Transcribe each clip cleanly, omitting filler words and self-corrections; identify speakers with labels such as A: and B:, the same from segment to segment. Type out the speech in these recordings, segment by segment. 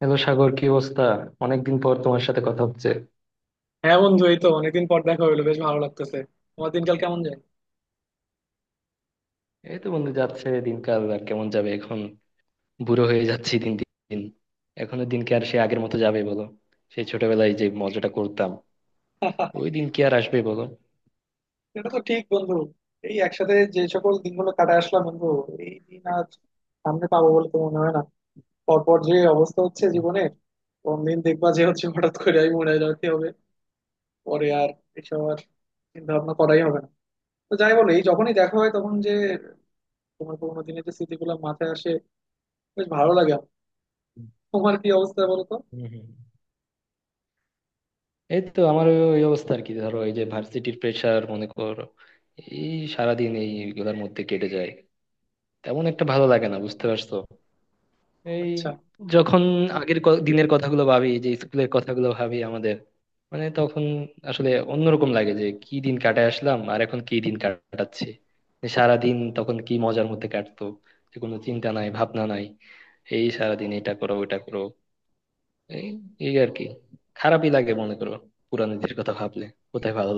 A: Hello Sagar, কি অবস্থা? অনেকদিন পর তোমার সাথে কথা হচ্ছে।
B: হ্যাঁ বন্ধু, এই তো অনেকদিন পর দেখা হইলো, বেশ ভালো লাগতেছে। তোমার দিনকাল কেমন যায়?
A: এই তো বন্ধু, যাচ্ছে। দিনকাল আর কেমন যাবে এখন, বুড়ো হয়ে যাচ্ছি দিন দিন। এখনো দিন কি আর সে আগের মতো যাবে বলো? সেই ছোটবেলায় যে মজাটা করতাম, ওই দিন কি আর আসবে বলো?
B: এটা তো ঠিক বন্ধু। এই একসাথে যে সকল দিনগুলো কাটায় আসলাম বন্ধু, এই দিন আর সামনে পাবো বলে তো মনে হয় না। পরপর যে অবস্থা হচ্ছে
A: হুম,
B: জীবনে, কোন দিন দেখবা যে হচ্ছে হঠাৎ করে আমি মরে যেতে হবে, পরে আর এসব আর চিন্তা ভাবনা করাই হবে না। তো যাই বলো, এই যখনই দেখা হয় তখন যে তোমার পুরোনো দিনের যে স্মৃতিগুলো মাথায় আসে, বেশ ভালো লাগে আমার। তোমার কি অবস্থা বলো তো?
A: হুম, হুম। এই তো আমারও ওই অবস্থা আর কি, ধরো এই যে ভার্সিটির প্রেশার মনে করো, এই সারাদিন এইগুলোর মধ্যে কেটে যায়। তেমন একটা ভালো লাগে না বুঝতে পারছো? এই
B: আচ্ছা।
A: যখন আগের দিনের কথাগুলো ভাবি, যে স্কুলের কথাগুলো ভাবি আমাদের, মানে তখন আসলে অন্যরকম লাগে, যে কি দিন কাটায় আসলাম আর এখন কি দিন কাটাচ্ছি। সারা দিন তখন কি মজার মধ্যে কাটতো, যে কোনো চিন্তা নাই ভাবনা নাই, এই সারা দিন এটা করো ওটা করো, এই এই আর কি। খারাপই লাগে মনে করো পুরানো দিনের কথা ভাবলে, কোথায় ভালো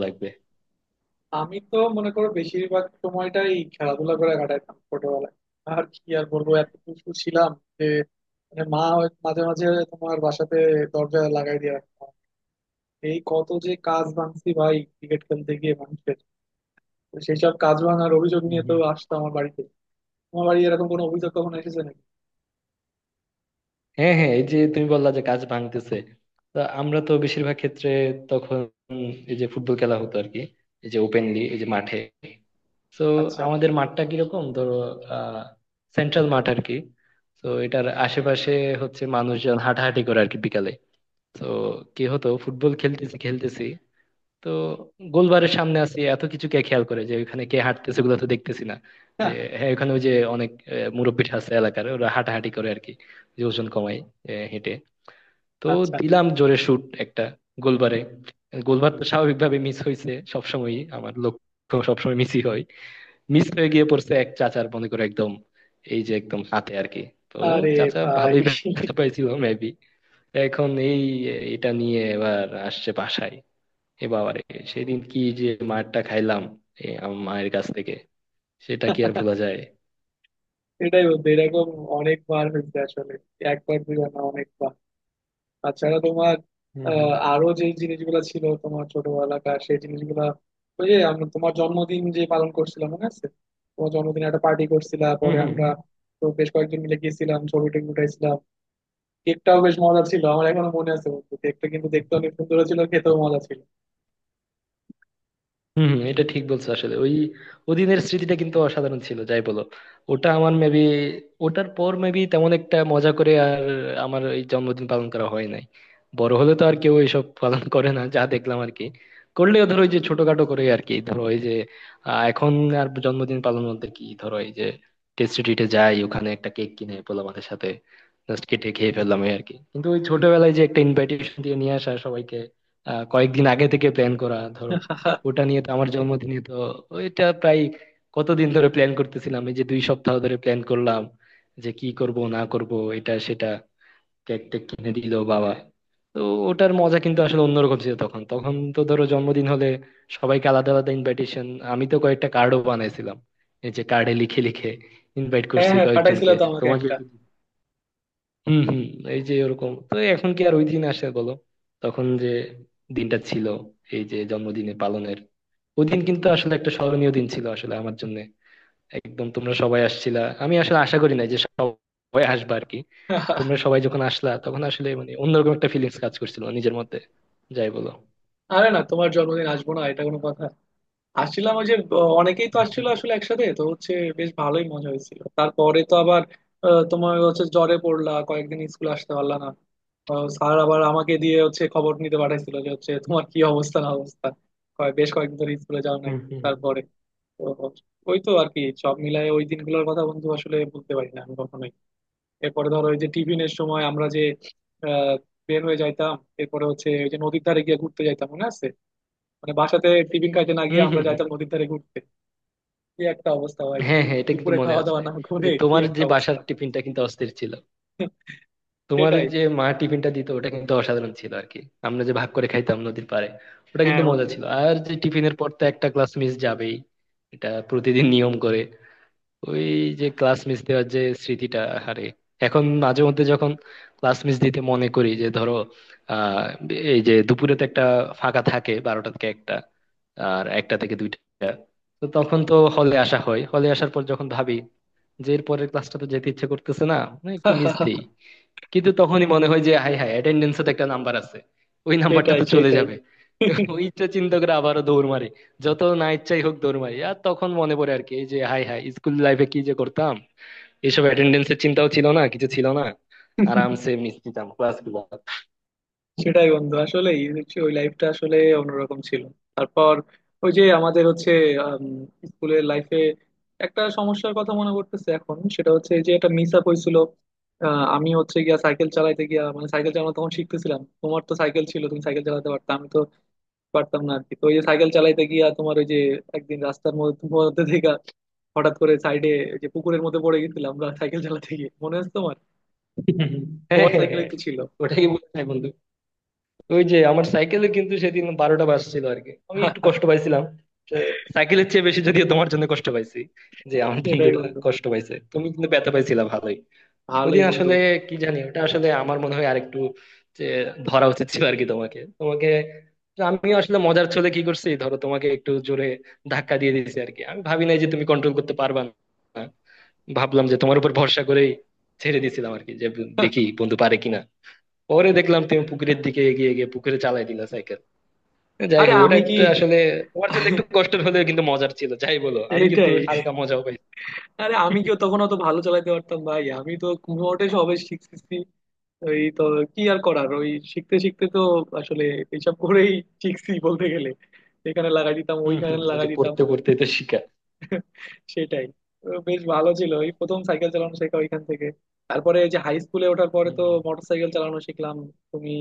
B: আমি তো মনে করো বেশিরভাগ সময়টাই খেলাধুলা করে কাটাইতাম ছোটবেলায়। আর কি আর বলবো, এত দুষ্টু ছিলাম যে মানে মাঝে মাঝে তোমার বাসাতে দরজা লাগাই দিয়ে রাখতাম। এই কত যে কাজ ভাঙছি ভাই ক্রিকেট খেলতে গিয়ে মানুষের। তো সেই সব কাজ ভাঙার অভিযোগ নিয়ে তো
A: লাগবে।
B: আসতো আমার বাড়িতে। তোমার বাড়ি এরকম কোনো অভিযোগ কখনো এসেছে নাকি?
A: হ্যাঁ হ্যাঁ, এই যে তুমি বললা যে কাজ ভাঙতেছে, তো আমরা তো বেশিরভাগ ক্ষেত্রে তখন এই যে ফুটবল খেলা হতো আর কি, এই যে ওপেনলি এই যে মাঠে। তো
B: আচ্ছা,
A: আমাদের মাঠটা কিরকম ধরো, আহ সেন্ট্রাল মাঠ আর কি। তো এটার আশেপাশে হচ্ছে মানুষজন হাঁটাহাঁটি করে আর কি বিকালে। তো কি হতো, ফুটবল খেলতেছি খেলতেছি, তো গোলবারের সামনে আছি, এত কিছু কে খেয়াল করে যে ওখানে কে হাঁটতেছে, ওগুলো তো দেখতেছি না যে। হ্যাঁ, ওখানে ওই যে অনেক মুরব্বি আছে এলাকার, ওরা হাঁটাহাঁটি করে আর কি, যে ওজন কমায় হেঁটে। তো
B: আচ্ছা,
A: দিলাম জোরে শুট একটা গোলবারে। গোলবার তো স্বাভাবিকভাবে মিস হয়েছে, সবসময়ই আমার লক্ষ্য সবসময় মিসই হয়। মিস হয়ে গিয়ে পড়ছে এক চাচার মনে করে একদম, এই যে একদম হাতে আর কি। তো
B: আরে
A: চাচা
B: ভাই
A: ভালোই ব্যথা পাইছিল মেবি। এখন এই এটা নিয়ে এবার আসছে বাসায়। এ বাবা রে, সেদিন কি যে মারটা খাইলাম মায়ের কাছ থেকে, সেটা কি আর ভোলা যায়।
B: এটাই বলতে, এরকম অনেকবার হয়েছে আসলে, একবার দুইবার না, অনেকবার। তাছাড়া তোমার
A: হুম হুম।
B: আরো যে জিনিসগুলো ছিল তোমার ছোটবেলাকার সেই জিনিসগুলা, ওই যে আমরা তোমার জন্মদিন যে পালন করছিলাম মনে আছে? তোমার জন্মদিনে একটা পার্টি করছিলাম পরে
A: হুম
B: আমরা, তো বেশ কয়েকজন মিলে গেছিলাম, ছবি টবি উঠাইছিলাম। কেকটাও বেশ মজা ছিল, আমার এখনো মনে আছে বন্ধু, কেকটা কিন্তু
A: হুম।
B: দেখতে অনেক সুন্দর ছিল, খেতেও মজা ছিল।
A: হম হম, এটা ঠিক বলছো আসলে। ওই ওদিনের স্মৃতিটা কিন্তু অসাধারণ ছিল যাই বলো। ওটা আমার মেবি, ওটার পর মেবি তেমন একটা মজা করে আর আমার এই জন্মদিন পালন করা হয় নাই। বড় হলে তো আর কেউ এইসব পালন করে না, যা দেখলাম আর কি। করলেও ধরো ওই যে ছোটখাটো করে আর কি, ধরো এই যে এখন আর জন্মদিন পালন বলতে কি, ধরো এই যে টেস্টি ট্রিটে যাই, ওখানে একটা কেক কিনে পোলাপানের সাথে জাস্ট কেটে খেয়ে ফেললাম, এই আর কি। কিন্তু ওই ছোটবেলায় যে একটা ইনভাইটেশন দিয়ে নিয়ে আসা সবাইকে, কয়েকদিন আগে থেকে প্ল্যান করা ধরো, ওটা নিয়ে তো আমার জন্মদিনে তো ওইটা প্রায় কতদিন ধরে প্ল্যান করতেছিলাম, এই যে 2 সপ্তাহ ধরে প্ল্যান করলাম, যে কি করব না করব, এটা সেটা কেক টেক কিনে দিল বাবা। তো ওটার মজা কিন্তু আসলে অন্যরকম ছিল। তখন তখন তো ধরো জন্মদিন হলে সবাইকে আলাদা আলাদা ইনভাইটেশন, আমি তো কয়েকটা কার্ডও বানাইছিলাম, এই যে কার্ডে লিখে লিখে ইনভাইট
B: হ্যাঁ
A: করছি
B: হ্যাঁ, পাঠাইছিল
A: কয়েকজনকে।
B: তো আমাকে
A: তোমাকে
B: একটা।
A: হম হম। এই যে ওরকম তো এখন কি আর ওই দিন আসে বলো? তখন যে দিনটা ছিল, এই যে জন্মদিনে পালনের, ওই দিন কিন্তু আসলে একটা স্মরণীয় দিন ছিল আসলে আমার জন্য। একদম তোমরা সবাই আসছিলা, আমি আসলে আশা করি না যে সবাই আসবে আর কি। তোমরা সবাই যখন আসলা তখন আসলে মানে অন্যরকম একটা ফিলিংস কাজ করছিল নিজের মধ্যে, যাই বলো।
B: আরে না, তোমার জন্মদিন আসবো না এটা কোনো কথা! আসছিলাম, ওই যে অনেকেই তো আসছিল
A: হুম
B: আসলে, একসাথে তো হচ্ছে, বেশ ভালোই মজা হয়েছিল। তারপরে তো আবার তোমার হচ্ছে জ্বরে পড়লা, কয়েকদিন স্কুল আসতে পারলা না। স্যার আবার আমাকে দিয়ে হচ্ছে খবর নিতে পাঠাইছিল, যে হচ্ছে তোমার কি অবস্থা না অবস্থা, বেশ কয়েকদিন ধরে স্কুলে যাও নাই।
A: হুম হুম।
B: তারপরে তো ওই তো আর কি, সব মিলায় ওই দিনগুলোর কথা বন্ধু আসলে বলতে পারি না আমি কখনোই। এরপরে ধরো ওই যে টিফিনের সময় আমরা যে আহ, বের হয়ে যাইতাম, এরপরে হচ্ছে ওই যে নদীর ধারে গিয়ে ঘুরতে যাইতাম মনে আছে? মানে বাসাতে টিফিন খাইতে না গিয়ে
A: হম
B: আমরা
A: হম।
B: যাইতাম নদীর ধারে ঘুরতে। কি একটা অবস্থা ভাই!
A: হ্যাঁ হ্যাঁ এটা কিন্তু
B: দুপুরে
A: মনে
B: খাওয়া দাওয়া
A: আছে
B: না করে
A: যে
B: কি
A: তোমার
B: একটা
A: যে বাসার
B: অবস্থা।
A: টিফিনটা কিন্তু অস্থির ছিল, তোমার
B: সেটাই।
A: যে মা টিফিনটা দিত ওটা কিন্তু অসাধারণ ছিল আর কি। আমরা যে ভাগ করে খাইতাম নদীর পাড়ে, ওটা
B: হ্যাঁ
A: কিন্তু মজা
B: বন্ধু।
A: ছিল। আর যে টিফিনের পর তো একটা ক্লাস মিস যাবেই, এটা প্রতিদিন নিয়ম করে। ওই যে ক্লাস মিস দেওয়ার যে স্মৃতিটা, আরে এখন মাঝে মধ্যে যখন ক্লাস মিস দিতে মনে করি, যে ধরো আহ এই যে দুপুরে তো একটা ফাঁকা থাকে বারোটা থেকে একটা, আর একটা থেকে দুইটা। তো তখন তো হলে আসা হয়, হলে আসার পর যখন ভাবি যে এর পরের ক্লাসটা তো যেতে ইচ্ছে করতেছে না, না, একটু মিস দিই, কিন্তু তখনই মনে হয় যে হাই হাই অ্যাটেন্ডেন্সে তো একটা নাম্বার আছে, ওই নাম্বারটা
B: সেটাই,
A: তো চলে
B: সেটাই।
A: যাবে। ওইটা চিন্তা করে আবারও দৌড় মারি, যত না ইচ্ছাই হোক দৌড় মারি। আর তখন মনে পড়ে আর কি, এই যে হাই হাই স্কুল লাইফে কি যে করতাম, এইসব অ্যাটেন্ডেন্সের চিন্তাও ছিল না, কিছু ছিল না, আরামসে এমনি দিতাম ক্লাসগুলো।
B: সেটাই বন্ধু, আসলে ওই লাইফটা আসলে অন্যরকম ছিল। তারপর ওই যে আমাদের হচ্ছে স্কুলের লাইফে একটা সমস্যার কথা মনে করতেছে এখন, সেটা হচ্ছে যে একটা মিস আপ হয়েছিল। আমি হচ্ছে গিয়া সাইকেল চালাইতে গিয়া, মানে সাইকেল চালানো তখন শিখতেছিলাম, তোমার তো সাইকেল ছিল, তুমি সাইকেল চালাতে পারতাম, পারতাম না আর কি। তো ওই যে সাইকেল চালাইতে গিয়া তোমার ওই যে একদিন রাস্তার মধ্যে মধ্যে থেকে হঠাৎ করে সাইডে যে পুকুরের মধ্যে পড়ে গেছিলাম আমরা সাইকেল চালাতে গিয়ে, মনে আছে তোমার?
A: হ্যাঁ,
B: তোমার
A: হ্যাঁ,
B: সাইকেলে
A: হ্যাঁ।
B: তো ছিল।
A: ওটাই বলছিলাম বন্ধু, ওই যে আমার সাইকেলে কিন্তু সেদিন বারোটা বাজছিল আর কি, আমি একটু কষ্ট পাইছিলাম। তো সাইকেলের চেয়ে বেশি যদিও তোমার জন্য কষ্ট পাইছি, যে আমার
B: সেটাই
A: বন্ধুটা
B: বন্ধু,
A: কষ্ট পাইছে, তুমি কিন্তু ব্যথা পাইছিলা ভালোই। ওই
B: ভালোই
A: দিন
B: বন্ধু।
A: আসলে কি জানি, ওটা আসলে আমার মনে হয় আরেকটু যে ধরা উচিত ছিল আর কি তোমাকে তোমাকে। তো আমি আসলে মজার ছলে কি করছি ধরো, তোমাকে একটু জোরে ধাক্কা দিয়ে দিয়েছি আর কি, আমি ভাবি নাই যে তুমি কন্ট্রোল করতে পারবা না। ভাবলাম যে তোমার উপর ভরসা করেই ছেড়ে দিয়েছিলাম আর কি, যে দেখি বন্ধু পারে কিনা। পরে দেখলাম তুমি পুকুরের দিকে এগিয়ে গিয়ে পুকুরে চালাই দিলা সাইকেল। যাই
B: আরে
A: হোক, ওটা
B: আমি কি,
A: একটা আসলে তোমার জন্য একটু কষ্টের হলেও কিন্তু মজার ছিল, যাই বলো, আমি কিন্তু
B: এইটাই!
A: হালকা মজাও পাই।
B: আরে আমি কিও তখন অত ভালো চালাতে পারতাম ভাই, আমি তো মোটে সবে শিখতেছি। ওই তো কি আর করার, ওই শিখতে শিখতে তো আসলে এইসব করেই শিখছি বলতে গেলে, এখানে লাগাই দিতাম
A: হম
B: ওইখানে
A: হম, এই
B: লাগাই
A: যে
B: দিতাম।
A: পড়তে পড়তে তো শিখা।
B: সেটাই। তো বেশ ভালো ছিল এই প্রথম সাইকেল চালানো শেখা ওইখান থেকে। তারপরে এই যে হাই স্কুলে ওঠার পরে
A: হম
B: তো
A: হম।
B: মোটর সাইকেল চালানো শিখলাম তুমি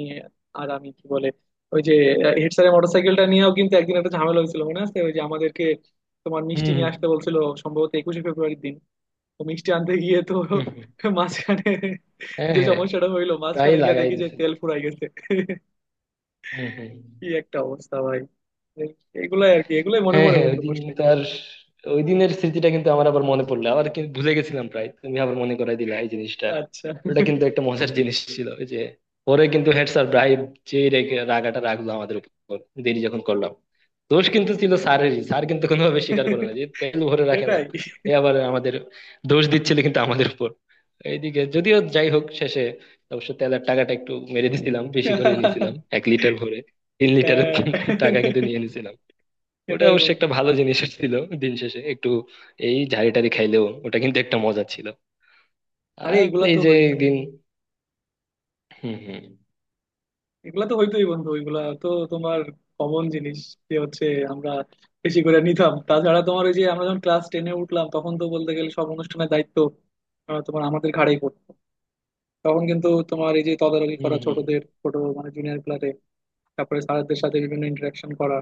B: আর আমি, কি বলে, ওই যে হেড স্যারের মোটর সাইকেলটা নিয়েও কিন্তু একদিন একটা ঝামেলা হয়েছিল মনে আছে? ওই যে আমাদেরকে তোমার
A: হম
B: মিষ্টি
A: হম।
B: নিয়ে আসতে বলছিল, সম্ভবত একুশে ফেব্রুয়ারির দিন। তো মিষ্টি আনতে গিয়ে তো
A: হুম হুম।
B: মাঝখানে
A: হ্যাঁ
B: যে
A: হ্যাঁ,
B: সমস্যাটা হইলো,
A: প্রায়
B: মাঝখানে গিয়ে
A: লাগাই
B: দেখি যে তেল
A: দিছিলাম।
B: ফুরাই গেছে।
A: হুম হুম।
B: কি একটা অবস্থা ভাই! এই- এগুলাই আর কি, এগুলাই মনে
A: হ্যাঁ
B: পড়ে
A: হ্যাঁ, ওই
B: বন্ধু
A: দিন
B: বসলে।
A: তার ওই দিনের স্মৃতিটা কিন্তু আমার আবার মনে পড়লো, আবার কিন্তু ভুলে গেছিলাম প্রায়, তুমি আবার মনে করাই দিলা এই জিনিসটা।
B: আচ্ছা।
A: ওটা কিন্তু একটা মজার জিনিস ছিল। ওই যে পরে কিন্তু হেড স্যার ব্রাইব, যে রেগে রাগাটা রাখলো আমাদের উপর, দেরি যখন করলাম। দোষ কিন্তু ছিল স্যারেরই, স্যার কিন্তু কোনোভাবে স্বীকার করে না যে তেল ভরে রাখে না।
B: সেটাই।
A: এ আবার আমাদের দোষ দিচ্ছিল কিন্তু আমাদের উপর। এইদিকে যদিও, যাই হোক, শেষে অবশ্য তেলের টাকাটা একটু মেরে দিছিলাম, বেশি করে নিয়েছিলাম, 1 লিটার ভরে 3 লিটারের
B: হ্যাঁ।
A: টাকা কিন্তু নিয়ে নিয়েছিলাম। ওটা
B: সেটাই
A: অবশ্য
B: বন্ধু।
A: একটা ভালো জিনিস ছিল দিন শেষে একটু, এই ঝাড়ি টাড়ি খাইলেও ওটা কিন্তু একটা মজা ছিল।
B: আরে
A: আর
B: এগুলা
A: এই
B: তো
A: যে
B: হইতো,
A: একদিন, হুম হুম।
B: এগুলা তো হইতোই বন্ধু, ওইগুলা তো তোমার কমন জিনিস, যে হচ্ছে আমরা বেশি করে নিতাম। তাছাড়া তোমার ওই যে আমরা যখন ক্লাস টেনে উঠলাম তখন তো বলতে গেলে সব অনুষ্ঠানের দায়িত্ব তোমার আমাদের ঘাড়েই পড়তো। তখন কিন্তু তোমার এই যে তদারকি
A: হুম
B: করা
A: হুম।
B: ছোটদের, ছোট মানে জুনিয়র ক্লাসে, তারপরে স্যারদের সাথে বিভিন্ন ইন্টারাকশন করা,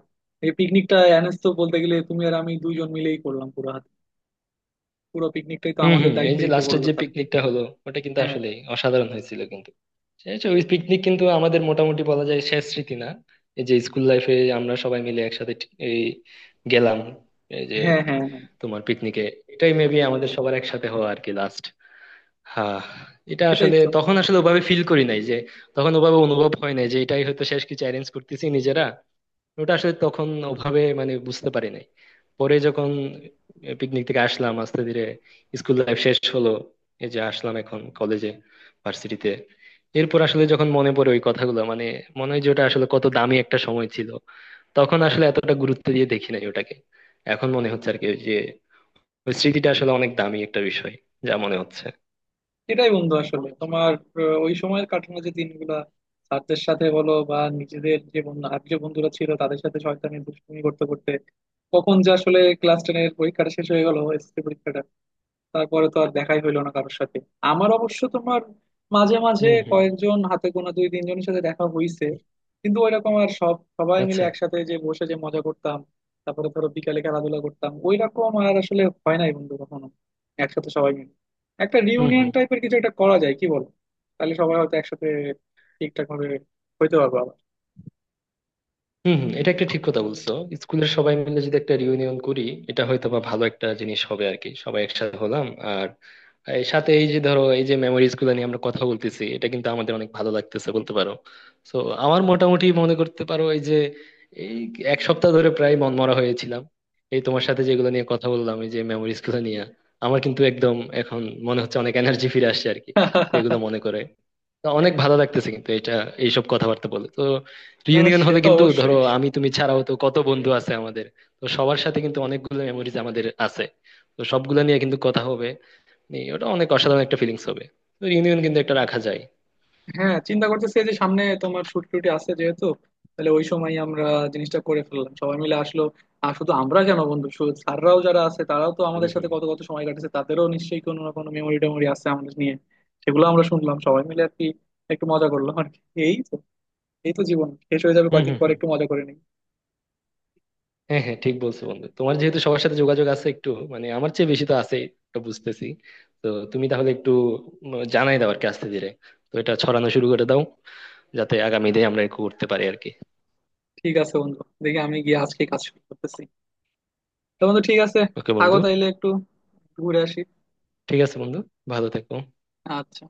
B: এই পিকনিকটা অ্যানেস তো বলতে গেলে তুমি আর আমি দুইজন মিলেই করলাম পুরো হাতে, পুরো পিকনিকটাই তো
A: হুম
B: আমাদের
A: হুম। এই যে
B: দায়িত্বেই তো
A: লাস্টের
B: করলো
A: যে
B: তার।
A: পিকনিকটা হলো, ওটা কিন্তু
B: হ্যাঁ
A: আসলে অসাধারণ হয়েছিল কিন্তু। শেষ ওই পিকনিক কিন্তু আমাদের মোটামুটি বলা যায় শেষ স্মৃতি না, এই যে স্কুল লাইফে আমরা সবাই মিলে একসাথে এই গেলাম, এই যে
B: হ্যাঁ হ্যাঁ, হ্যাঁ।
A: তোমার পিকনিকে। এটাই মেবি আমাদের সবার একসাথে হওয়া আর কি লাস্ট। হ্যাঁ, এটা
B: সেটাই
A: আসলে
B: তো,
A: তখন আসলে ওভাবে ফিল করি নাই যে, তখন ওভাবে অনুভব হয় নাই যে এটাই হয়তো শেষ কিছু অ্যারেঞ্জ করতেছি নিজেরা। ওটা আসলে তখন ওভাবে মানে বুঝতে পারি নাই। পরে যখন পিকনিক থেকে আসলাম, আস্তে ধীরে স্কুল লাইফ শেষ হলো, এই যে আসলাম এখন কলেজে, ভার্সিটিতে, এরপর আসলে যখন মনে পড়ে ওই কথাগুলো, মানে মনে হয় যে ওটা আসলে কত দামি একটা সময় ছিল। তখন আসলে এতটা গুরুত্ব দিয়ে দেখি নাই ওটাকে, এখন মনে হচ্ছে আর কি যে ওই স্মৃতিটা আসলে অনেক দামি একটা বিষয়, যা মনে হচ্ছে।
B: সেটাই বন্ধু আসলে তোমার ওই সময়ের কাটানো যে দিনগুলা, স্যারদের সাথে বলো বা নিজেদের যে বন্ধু, আর যে বন্ধুরা ছিল তাদের সাথে শয়তানি দুষ্টুমি করতে করতে কখন যে আসলে ক্লাস টেনের পরীক্ষাটা শেষ হয়ে গেল, এসএসসি পরীক্ষাটা, তারপরে তো আর দেখাই হইলো না কারোর সাথে। আমার অবশ্য তোমার মাঝে মাঝে
A: হম হম।
B: কয়েকজন হাতে গোনা দুই তিনজনের সাথে দেখা হইছে, কিন্তু ওইরকম আর সব সবাই মিলে
A: আচ্ছা।
B: একসাথে যে বসে যে মজা করতাম, তারপরে ধরো বিকালে খেলাধুলা করতাম ওইরকম আর আসলে হয় নাই বন্ধু কখনো। একসাথে সবাই মিলে একটা
A: হুম
B: রিউনিয়ন
A: হুম।
B: টাইপের কিছু একটা করা যায় কি, বল? তাহলে সবাই হয়তো একসাথে ঠিকঠাক ভাবে হইতে পারবো আবার।
A: হুম হুম, এটা একটা ঠিক কথা বলছো। স্কুলের সবাই মিলে যদি একটা রিউনিয়ন করি, এটা হয়তো বা ভালো একটা জিনিস হবে আর কি, সবাই একসাথে হলাম। আর এর সাথে এই যে ধরো এই যে মেমোরিজ গুলো নিয়ে আমরা কথা বলতেছি, এটা কিন্তু আমাদের অনেক ভালো লাগতেছে, বলতে পারো। তো আমার মোটামুটি মনে করতে পারো, এই যে এই 1 সপ্তাহ ধরে প্রায় মনমরা হয়েছিলাম। এই তোমার সাথে যেগুলো নিয়ে কথা বললাম, এই যে মেমোরিজ গুলো নিয়ে, আমার কিন্তু একদম এখন মনে হচ্ছে অনেক এনার্জি ফিরে আসছে আর কি, এগুলো মনে করে। তো অনেক ভালো লাগতেছে কিন্তু এটা, এইসব কথাবার্তা বলে। তো
B: না না,
A: রিউনিয়ন
B: সে
A: হলে
B: তো
A: কিন্তু ধরো
B: অবশ্যই।
A: আমি তুমি ছাড়াও তো কত বন্ধু আছে আমাদের। তো সবার সাথে কিন্তু অনেকগুলো মেমোরিজ আমাদের আছে, তো সবগুলো নিয়ে কিন্তু কথা হবে। এই ওটা অনেক অসাধারণ একটা ফিলিংস হবে। তো রিউনিয়ন কিন্তু একটা রাখা যায়।
B: হ্যাঁ, চিন্তা করতেছি এই যে সামনে তোমার ছুটি টুটি আছে যেহেতু, তাহলে ওই সময় আমরা জিনিসটা করে ফেললাম, সবাই মিলে আসলো। আর শুধু আমরা কেন বন্ধু, স্যাররাও যারা আছে তারাও তো
A: হুম
B: আমাদের সাথে
A: হুম।
B: কত কত সময় কাটেছে, তাদেরও নিশ্চয়ই কোনো না কোনো মেমোরি টেমোরি আছে আমাদের নিয়ে, সেগুলো আমরা শুনলাম সবাই মিলে আর কি, একটু মজা করলাম আর কি। এই তো, এই তো জীবন শেষ হয়ে যাবে
A: হুম
B: কয়েকদিন
A: হুম
B: পর,
A: হুম।
B: একটু মজা করে নিই।
A: হ্যাঁ হ্যাঁ, ঠিক বলছো বন্ধু। তোমার যেহেতু সবার সাথে যোগাযোগ আছে একটু, মানে আমার চেয়ে বেশি তো আছে, এটা বুঝতেছি। তো তুমি তাহলে একটু জানাই দাও আর কি আস্তে ধীরে। তো এটা ছড়ানো শুরু করে দাও, যাতে আগামী দিনে আমরা একটু করতে পারি আর কি।
B: ঠিক আছে বন্ধু, দেখি আমি গিয়ে আজকে কাজ শুরু করতেছি। তো বন্ধু ঠিক আছে,
A: ওকে
B: থাকো
A: বন্ধু।
B: তাইলে, একটু ঘুরে আসি।
A: ঠিক আছে বন্ধু, ভালো থেকো।
B: আচ্ছা।